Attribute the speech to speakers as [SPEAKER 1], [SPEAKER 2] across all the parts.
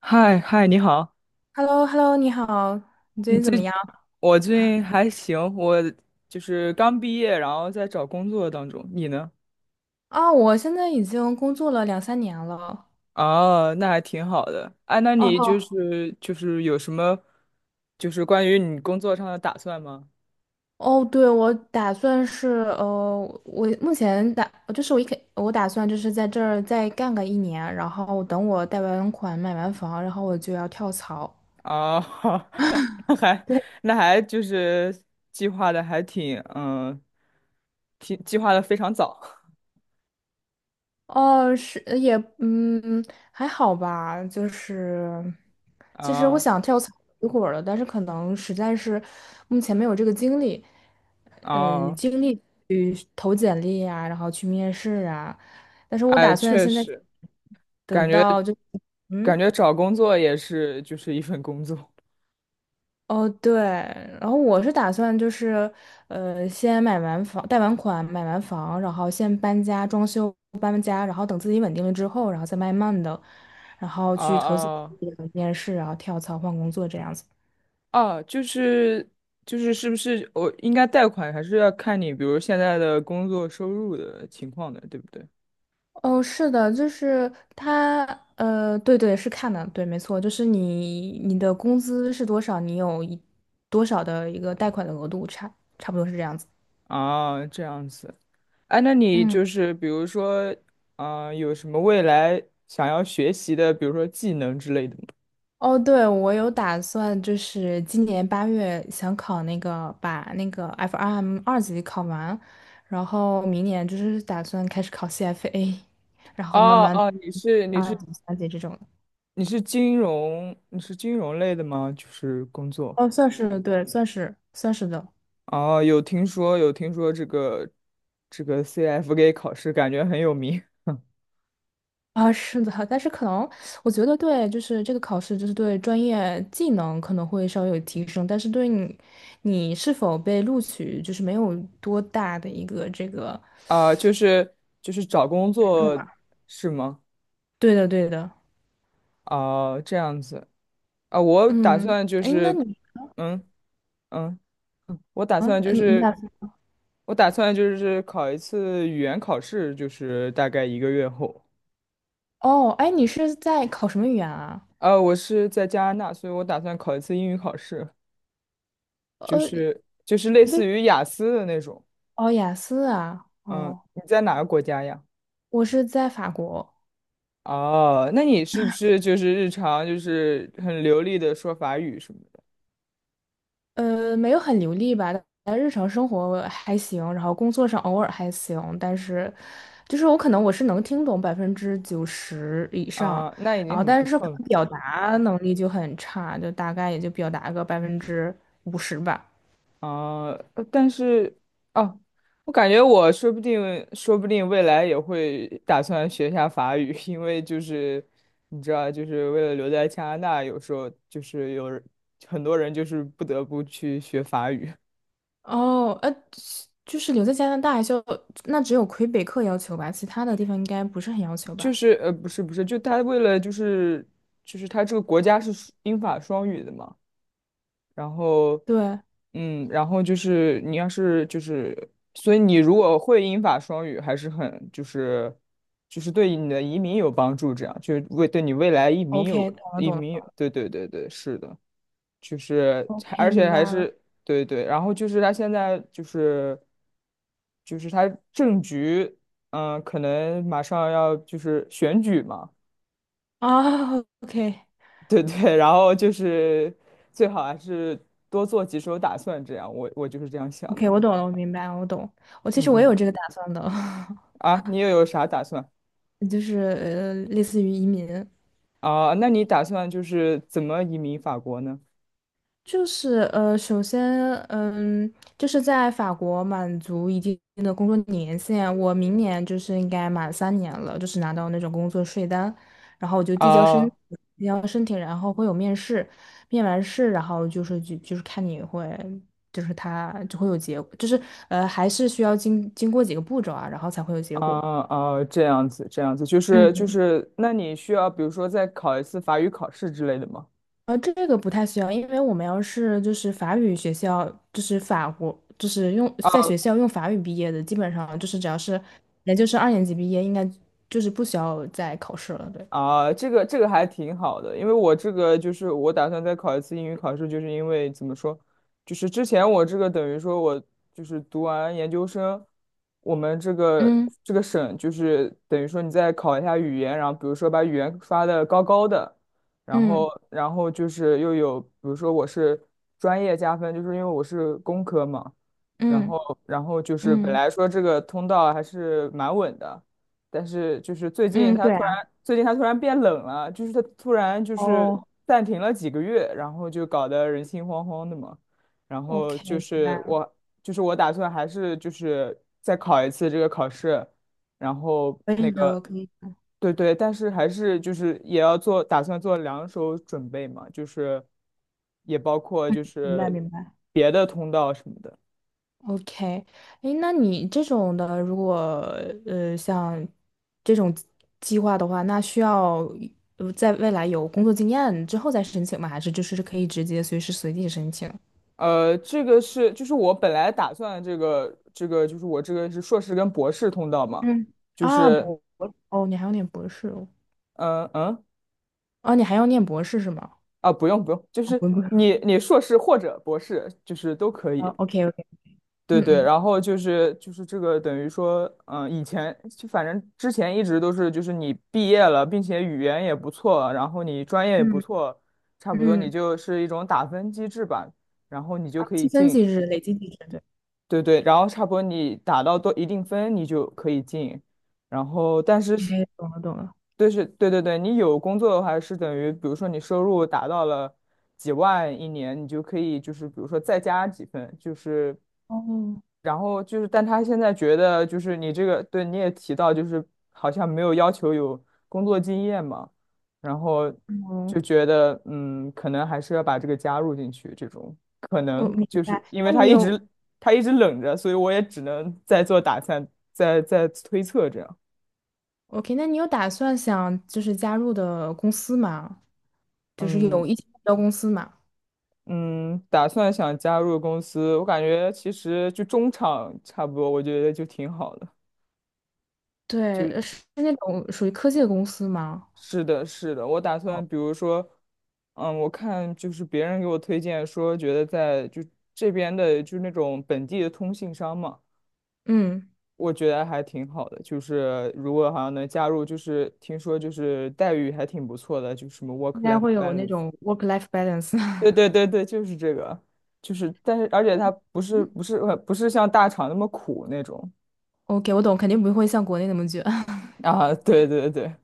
[SPEAKER 1] 嗨嗨，你好，
[SPEAKER 2] h e l l o h e l l o 你好，你最
[SPEAKER 1] 你
[SPEAKER 2] 近怎么
[SPEAKER 1] 最，
[SPEAKER 2] 样？
[SPEAKER 1] 我最近还行，我就是刚毕业，然后在找工作当中。你呢？
[SPEAKER 2] 啊、我现在已经工作了两三年了。
[SPEAKER 1] 哦，那还挺好的。哎，那你就
[SPEAKER 2] 哦
[SPEAKER 1] 是就是有什么，就是关于你工作上的打算吗？
[SPEAKER 2] 哦，对，我打算是呃，我目前打就是我一开我打算就是在这儿再干个一年，然后等我贷完款买完房，然后我就要跳槽
[SPEAKER 1] 哦，那还
[SPEAKER 2] 对，
[SPEAKER 1] 那还就是计划的还挺挺计划的非常早。
[SPEAKER 2] 哦，是也还好吧，就是其实我
[SPEAKER 1] 啊
[SPEAKER 2] 想跳槽一会儿了，但是可能实在是目前没有这个精力。
[SPEAKER 1] 啊，
[SPEAKER 2] 精力去投简历啊，然后去面试啊。但是我
[SPEAKER 1] 哎，
[SPEAKER 2] 打算
[SPEAKER 1] 确
[SPEAKER 2] 现在
[SPEAKER 1] 实，
[SPEAKER 2] 等
[SPEAKER 1] 感觉
[SPEAKER 2] 到就
[SPEAKER 1] 感
[SPEAKER 2] 嗯
[SPEAKER 1] 觉找工作也是就是一份工作。
[SPEAKER 2] 哦对，然后我是打算就是先买完房，贷完款买完房，然后先搬家装修搬家，然后等自己稳定了之后，然后再慢慢的，然后
[SPEAKER 1] 啊
[SPEAKER 2] 去投简
[SPEAKER 1] 啊
[SPEAKER 2] 历、面试，然后跳槽换工作这样子。
[SPEAKER 1] 啊！就是，是不是我应该贷款，还是要看你，比如现在的工作收入的情况的，对不对？
[SPEAKER 2] 哦，是的，就是他，对对，是看的，对，没错，就是你的工资是多少，你有多少的一个贷款的额度，差不多是这样子。
[SPEAKER 1] 啊，这样子。哎，那你
[SPEAKER 2] 嗯，
[SPEAKER 1] 就是比如说，啊，有什么未来想要学习的，比如说技能之类的吗？
[SPEAKER 2] 哦，对，我有打算，就是今年8月想考那个，把那个 FRM 二级考完，然后明年就是打算开始考 CFA，然后慢
[SPEAKER 1] 哦
[SPEAKER 2] 慢
[SPEAKER 1] 哦，你是你
[SPEAKER 2] 二
[SPEAKER 1] 是
[SPEAKER 2] 级、三级这种的。
[SPEAKER 1] 你是金融，你是金融类的吗？就是工作。
[SPEAKER 2] 哦，算是对，算是算是的。
[SPEAKER 1] 哦，有听说这个 CFA 考试，感觉很有名。
[SPEAKER 2] 啊，是的，但是可能我觉得对，就是这个考试，就是对专业技能可能会稍微有提升，但是对你，你是否被录取，就是没有多大的一个这个，
[SPEAKER 1] 啊、就是找工
[SPEAKER 2] 权重
[SPEAKER 1] 作
[SPEAKER 2] 吧。
[SPEAKER 1] 是吗？
[SPEAKER 2] 对的，对的，
[SPEAKER 1] 啊、这样子啊、我打
[SPEAKER 2] 嗯，
[SPEAKER 1] 算就
[SPEAKER 2] 哎，那
[SPEAKER 1] 是，
[SPEAKER 2] 你
[SPEAKER 1] 嗯嗯，我打
[SPEAKER 2] 啊，
[SPEAKER 1] 算就
[SPEAKER 2] 你打
[SPEAKER 1] 是，
[SPEAKER 2] 算
[SPEAKER 1] 我打算就是考一次语言考试，就是大概一个月后。
[SPEAKER 2] 哦，哎，你是在考什么语言啊？
[SPEAKER 1] 我是在加拿大，所以我打算考一次英语考试，就
[SPEAKER 2] 呃，
[SPEAKER 1] 是就是类
[SPEAKER 2] 为
[SPEAKER 1] 似于雅思的那种。
[SPEAKER 2] 哦，雅思啊，
[SPEAKER 1] 嗯，
[SPEAKER 2] 哦，
[SPEAKER 1] 你在哪个国家呀？
[SPEAKER 2] 我是在法国，
[SPEAKER 1] 哦，那你是不是就是日常就是很流利的说法语什么的？
[SPEAKER 2] 没有很流利吧，但日常生活还行，然后工作上偶尔还行，但是就是我可能我是能听懂90%以上，
[SPEAKER 1] 啊，那已
[SPEAKER 2] 然
[SPEAKER 1] 经
[SPEAKER 2] 后
[SPEAKER 1] 很
[SPEAKER 2] 但
[SPEAKER 1] 不
[SPEAKER 2] 是可
[SPEAKER 1] 错了
[SPEAKER 2] 能表达能力就很差，就大概也就表达个50%吧。
[SPEAKER 1] 啊。但是，啊，我感觉我说不定，说不定未来也会打算学一下法语，因为就是你知道，就是为了留在加拿大，有时候就是很多人就是不得不去学法语，
[SPEAKER 2] 哦，就是留在加拿大就那只有魁北克要求吧，其他的地方应该不是很要求
[SPEAKER 1] 就
[SPEAKER 2] 吧？
[SPEAKER 1] 是不是不是，就是他这个国家是英法双语的嘛。然后，
[SPEAKER 2] 对
[SPEAKER 1] 然后就是你要是就是，所以你如果会英法双语，还是很就是对你的移民有帮助，这样就为对你未来移民有
[SPEAKER 2] ，OK，懂了
[SPEAKER 1] 移
[SPEAKER 2] 懂了
[SPEAKER 1] 民有对对对对，是的，就是还
[SPEAKER 2] ，OK，
[SPEAKER 1] 而且
[SPEAKER 2] 明白
[SPEAKER 1] 还
[SPEAKER 2] 了
[SPEAKER 1] 是对对，然后就是他现在就是他政局，可能马上要就是选举嘛。
[SPEAKER 2] 啊，OK。
[SPEAKER 1] 对 对，然后就是最好还是多做几手打算，这样我就是这样想
[SPEAKER 2] OK，
[SPEAKER 1] 的。
[SPEAKER 2] 我懂了，我明白了，我懂。我其实我也
[SPEAKER 1] 嗯
[SPEAKER 2] 有
[SPEAKER 1] 嗯，
[SPEAKER 2] 这个打算的，
[SPEAKER 1] 啊，你又有啥打算
[SPEAKER 2] 就是类似于移民，
[SPEAKER 1] 啊？那你打算就是怎么移民法国呢？
[SPEAKER 2] 就是首先，就是在法国满足一定的工作年限，我明年就是应该满三年了，就是拿到那种工作税单，然后我就
[SPEAKER 1] 啊
[SPEAKER 2] 递交申请，然后会有面试，面完试，然后就是看你会，就是他就会有结果，就是还是需要经过几个步骤啊，然后才会有结果。
[SPEAKER 1] 啊啊，这样子这样子，就是就
[SPEAKER 2] 嗯。
[SPEAKER 1] 是，那你需要比如说再考一次法语考试之类的吗？
[SPEAKER 2] 这个不太需要，因为我们要是就是法语学校，就是法国，就是用在学
[SPEAKER 1] 啊。
[SPEAKER 2] 校用法语毕业的，基本上就是只要是也就是2年级毕业，应该就是不需要再考试了。对，
[SPEAKER 1] 啊，这个还挺好的，因为我这个就是我打算再考一次英语考试，就是因为怎么说，就是之前我这个等于说我就是读完研究生，我们这个
[SPEAKER 2] 嗯
[SPEAKER 1] 这个省就是等于说你再考一下语言，然后比如说把语言刷的高高的，然
[SPEAKER 2] 嗯
[SPEAKER 1] 后然后就是又有比如说我是专业加分，就是因为我是工科嘛。然
[SPEAKER 2] 嗯
[SPEAKER 1] 后，然后就是本
[SPEAKER 2] 嗯
[SPEAKER 1] 来说这个通道还是蛮稳的，但是就是
[SPEAKER 2] 嗯，对啊，
[SPEAKER 1] 最近它突然变冷了，就是它突然就是
[SPEAKER 2] 哦
[SPEAKER 1] 暂停了几个月，然后就搞得人心惶惶的嘛。然后
[SPEAKER 2] ，OK，明白了，
[SPEAKER 1] 就是我打算还是就是再考一次这个考试，然后
[SPEAKER 2] 可以
[SPEAKER 1] 那
[SPEAKER 2] 的，
[SPEAKER 1] 个，
[SPEAKER 2] 可以，
[SPEAKER 1] 对对，但是还是就是也要做，打算做两手准备嘛，就是也包括就
[SPEAKER 2] 明白
[SPEAKER 1] 是
[SPEAKER 2] 明白。
[SPEAKER 1] 别的通道什么的。
[SPEAKER 2] OK，哎，那你这种的，如果像这种计划的话，那需要在未来有工作经验之后再申请吗？还是就是可以直接随时随地申请？
[SPEAKER 1] 这个是就是我本来打算这个就是我这个是硕士跟博士通道嘛，
[SPEAKER 2] 嗯，
[SPEAKER 1] 就
[SPEAKER 2] 啊，
[SPEAKER 1] 是
[SPEAKER 2] 哦，你还要念博士哦，
[SPEAKER 1] 嗯嗯
[SPEAKER 2] 哦，你还要念博士是吗？
[SPEAKER 1] 啊不用不用，就
[SPEAKER 2] 哦，不
[SPEAKER 1] 是
[SPEAKER 2] 不，
[SPEAKER 1] 你硕士或者博士就是都可
[SPEAKER 2] 哦
[SPEAKER 1] 以，
[SPEAKER 2] ，OK OK，
[SPEAKER 1] 对
[SPEAKER 2] 嗯
[SPEAKER 1] 对，
[SPEAKER 2] 嗯
[SPEAKER 1] 然后就是这个等于说以前就反正之前一直都是就是你毕业了，并且语言也不错，然后你专业也不
[SPEAKER 2] 嗯
[SPEAKER 1] 错，差不多你
[SPEAKER 2] 嗯，
[SPEAKER 1] 就是一种打分机制吧，然后你就
[SPEAKER 2] 啊，
[SPEAKER 1] 可以
[SPEAKER 2] 积分
[SPEAKER 1] 进。
[SPEAKER 2] 机制、累积机制，对，
[SPEAKER 1] 对对，然后差不多你打到多一定分，你就可以进。然后，但是是
[SPEAKER 2] 哎，懂了懂了，
[SPEAKER 1] 对是，对对对，你有工作的话是等于，比如说你收入达到了几万一年，你就可以就是比如说再加几分，就是
[SPEAKER 2] 哦
[SPEAKER 1] 然后就是，但他现在觉得就是你这个，对，你也提到，就是好像没有要求有工作经验嘛，然后就
[SPEAKER 2] 哦，
[SPEAKER 1] 觉得可能还是要把这个加入进去，这种可
[SPEAKER 2] 我
[SPEAKER 1] 能
[SPEAKER 2] 明
[SPEAKER 1] 就是
[SPEAKER 2] 白。
[SPEAKER 1] 因
[SPEAKER 2] 那
[SPEAKER 1] 为他
[SPEAKER 2] 你
[SPEAKER 1] 一
[SPEAKER 2] 有
[SPEAKER 1] 直他一直冷着，所以我也只能再做打算，再推测这样。
[SPEAKER 2] OK，那你有打算想就是加入的公司吗？就是
[SPEAKER 1] 嗯
[SPEAKER 2] 有一些目标公司吗？
[SPEAKER 1] 嗯，打算想加入公司，我感觉其实就中场差不多，我觉得就挺好的。
[SPEAKER 2] 对，
[SPEAKER 1] 就。
[SPEAKER 2] 是是那种属于科技的公司吗？
[SPEAKER 1] 是的，是的，我打
[SPEAKER 2] 哦，
[SPEAKER 1] 算比如说，我看就是别人给我推荐说，觉得在就这边的就是那种本地的通信商嘛，
[SPEAKER 2] 嗯，
[SPEAKER 1] 我觉得还挺好的。就是如果好像能加入，就是听说就是待遇还挺不错的，就什么
[SPEAKER 2] 应该
[SPEAKER 1] work-life
[SPEAKER 2] 会有那
[SPEAKER 1] balance。
[SPEAKER 2] 种 work-life balance。
[SPEAKER 1] 对 对对对，就是这个，就是但是而且它
[SPEAKER 2] 嗯
[SPEAKER 1] 不是像大厂那么苦那种
[SPEAKER 2] OK，我懂，肯定不会像国内那么卷。
[SPEAKER 1] 啊，对对对。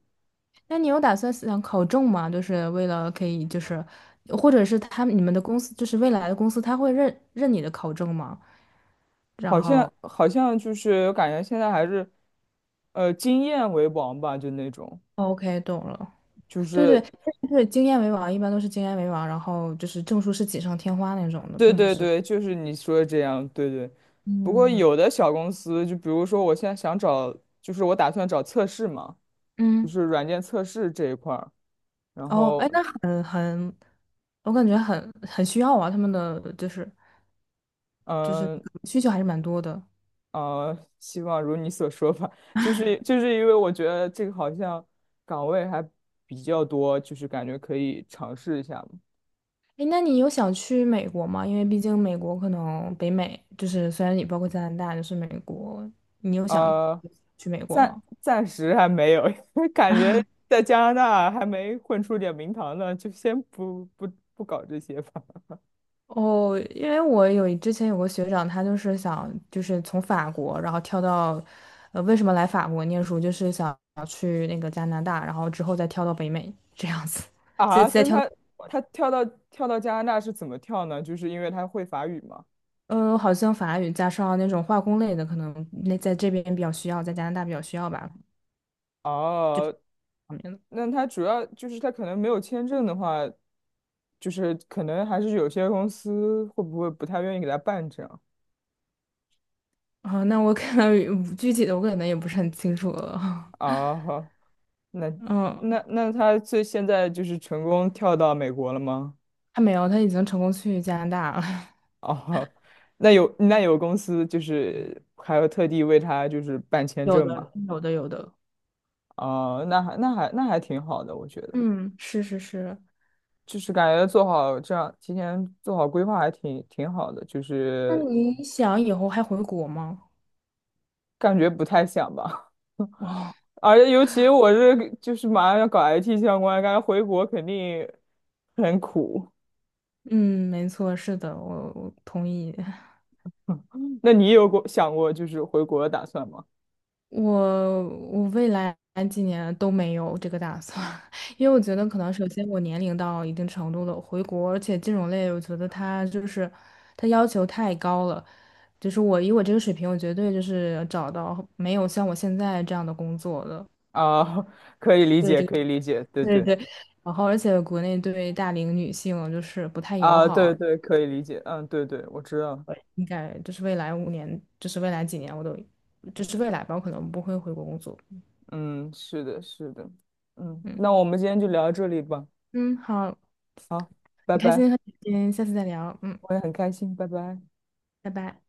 [SPEAKER 2] 那你有打算想考证吗？就是为了可以就是，或者是他们你们的公司就是未来的公司，他会认你的考证吗？然
[SPEAKER 1] 好像
[SPEAKER 2] 后
[SPEAKER 1] 好像就是感觉现在还是，经验为王吧，就那种，
[SPEAKER 2] ，OK，懂了。
[SPEAKER 1] 就
[SPEAKER 2] 对对
[SPEAKER 1] 是
[SPEAKER 2] 对，经验为王，一般都是经验为王，然后就是证书是锦上添花那种的，
[SPEAKER 1] 对
[SPEAKER 2] 并不
[SPEAKER 1] 对
[SPEAKER 2] 是。
[SPEAKER 1] 对，就是你说的这样，对对。不过
[SPEAKER 2] 嗯
[SPEAKER 1] 有的小公司，就比如说我现在想找，就是我打算找测试嘛，就
[SPEAKER 2] 嗯，
[SPEAKER 1] 是软件测试这一块儿。然
[SPEAKER 2] 哦，
[SPEAKER 1] 后，
[SPEAKER 2] 哎，那我感觉很需要啊，他们的就是
[SPEAKER 1] 嗯
[SPEAKER 2] 需求还是蛮多的。
[SPEAKER 1] 希望如你所说吧，就是因为我觉得这个好像岗位还比较多，就是感觉可以尝试一下嘛。
[SPEAKER 2] 哎，那你有想去美国吗？因为毕竟美国可能北美就是虽然你包括加拿大，就是美国，你有想
[SPEAKER 1] 呃
[SPEAKER 2] 去美国
[SPEAKER 1] 暂
[SPEAKER 2] 吗？
[SPEAKER 1] 暂时还没有，感觉 在加拿大还没混出点名堂呢，就先不搞这些吧。
[SPEAKER 2] 哦，因为之前有个学长，他就是想就是从法国，然后跳到，为什么来法国念书，就是想去那个加拿大，然后之后再跳到北美这样子，再
[SPEAKER 1] 啊，
[SPEAKER 2] 再
[SPEAKER 1] 那
[SPEAKER 2] 跳到
[SPEAKER 1] 他
[SPEAKER 2] 美国
[SPEAKER 1] 他跳到加拿大是怎么跳呢？就是因为他会法语吗？
[SPEAKER 2] 好像法语加上那种化工类的，可能那在这边比较需要，在加拿大比较需要吧，
[SPEAKER 1] 哦，
[SPEAKER 2] 方面的。
[SPEAKER 1] 那他主要就是他可能没有签证的话，就是可能还是有些公司会不会不太愿意给他办这样
[SPEAKER 2] 啊，那我可能具体的我可能也不是很清楚了。
[SPEAKER 1] 啊？好那
[SPEAKER 2] 嗯，
[SPEAKER 1] 那他最现在就是成功跳到美国了吗？
[SPEAKER 2] 还没有，他已经成功去加拿大了。
[SPEAKER 1] 哦，那有公司就是还有特地为他就是办签
[SPEAKER 2] 有
[SPEAKER 1] 证
[SPEAKER 2] 的，
[SPEAKER 1] 嘛？
[SPEAKER 2] 有的，有的。
[SPEAKER 1] 哦，那还挺好的，我觉得，
[SPEAKER 2] 嗯，是是是。
[SPEAKER 1] 就是感觉做好这样提前做好规划还挺好的，就
[SPEAKER 2] 那
[SPEAKER 1] 是
[SPEAKER 2] 你想以后还回国吗？
[SPEAKER 1] 感觉不太想吧。
[SPEAKER 2] 哇，
[SPEAKER 1] 而且尤其我是就是马上要搞 IT 相关，感觉回国肯定很苦。
[SPEAKER 2] 嗯，没错，是的，我同意。
[SPEAKER 1] 那你有过想过就是回国的打算吗？
[SPEAKER 2] 我我未来几年都没有这个打算，因为我觉得可能首先我年龄到一定程度了，回国，而且金融类我觉得它就是它要求太高了，就是我以我这个水平，我绝对就是找到没有像我现在这样的工作的。
[SPEAKER 1] 啊，可以理
[SPEAKER 2] 对
[SPEAKER 1] 解，
[SPEAKER 2] 这个，
[SPEAKER 1] 可以理解，对
[SPEAKER 2] 对
[SPEAKER 1] 对，
[SPEAKER 2] 对。然后，而且国内对大龄女性就是不太友
[SPEAKER 1] 啊，
[SPEAKER 2] 好，
[SPEAKER 1] 对对，可以理解，嗯，对对，我知道。
[SPEAKER 2] 应该就是未来5年，就是未来几年，我都就是未来吧，我可能不会回国工作。
[SPEAKER 1] 嗯，是的，是的，
[SPEAKER 2] 嗯
[SPEAKER 1] 那我们今天就聊到这里吧。
[SPEAKER 2] 嗯，好，
[SPEAKER 1] 好，拜
[SPEAKER 2] 很开
[SPEAKER 1] 拜，
[SPEAKER 2] 心和你今天下次再聊。嗯，
[SPEAKER 1] 我也很开心，拜拜。
[SPEAKER 2] 拜拜。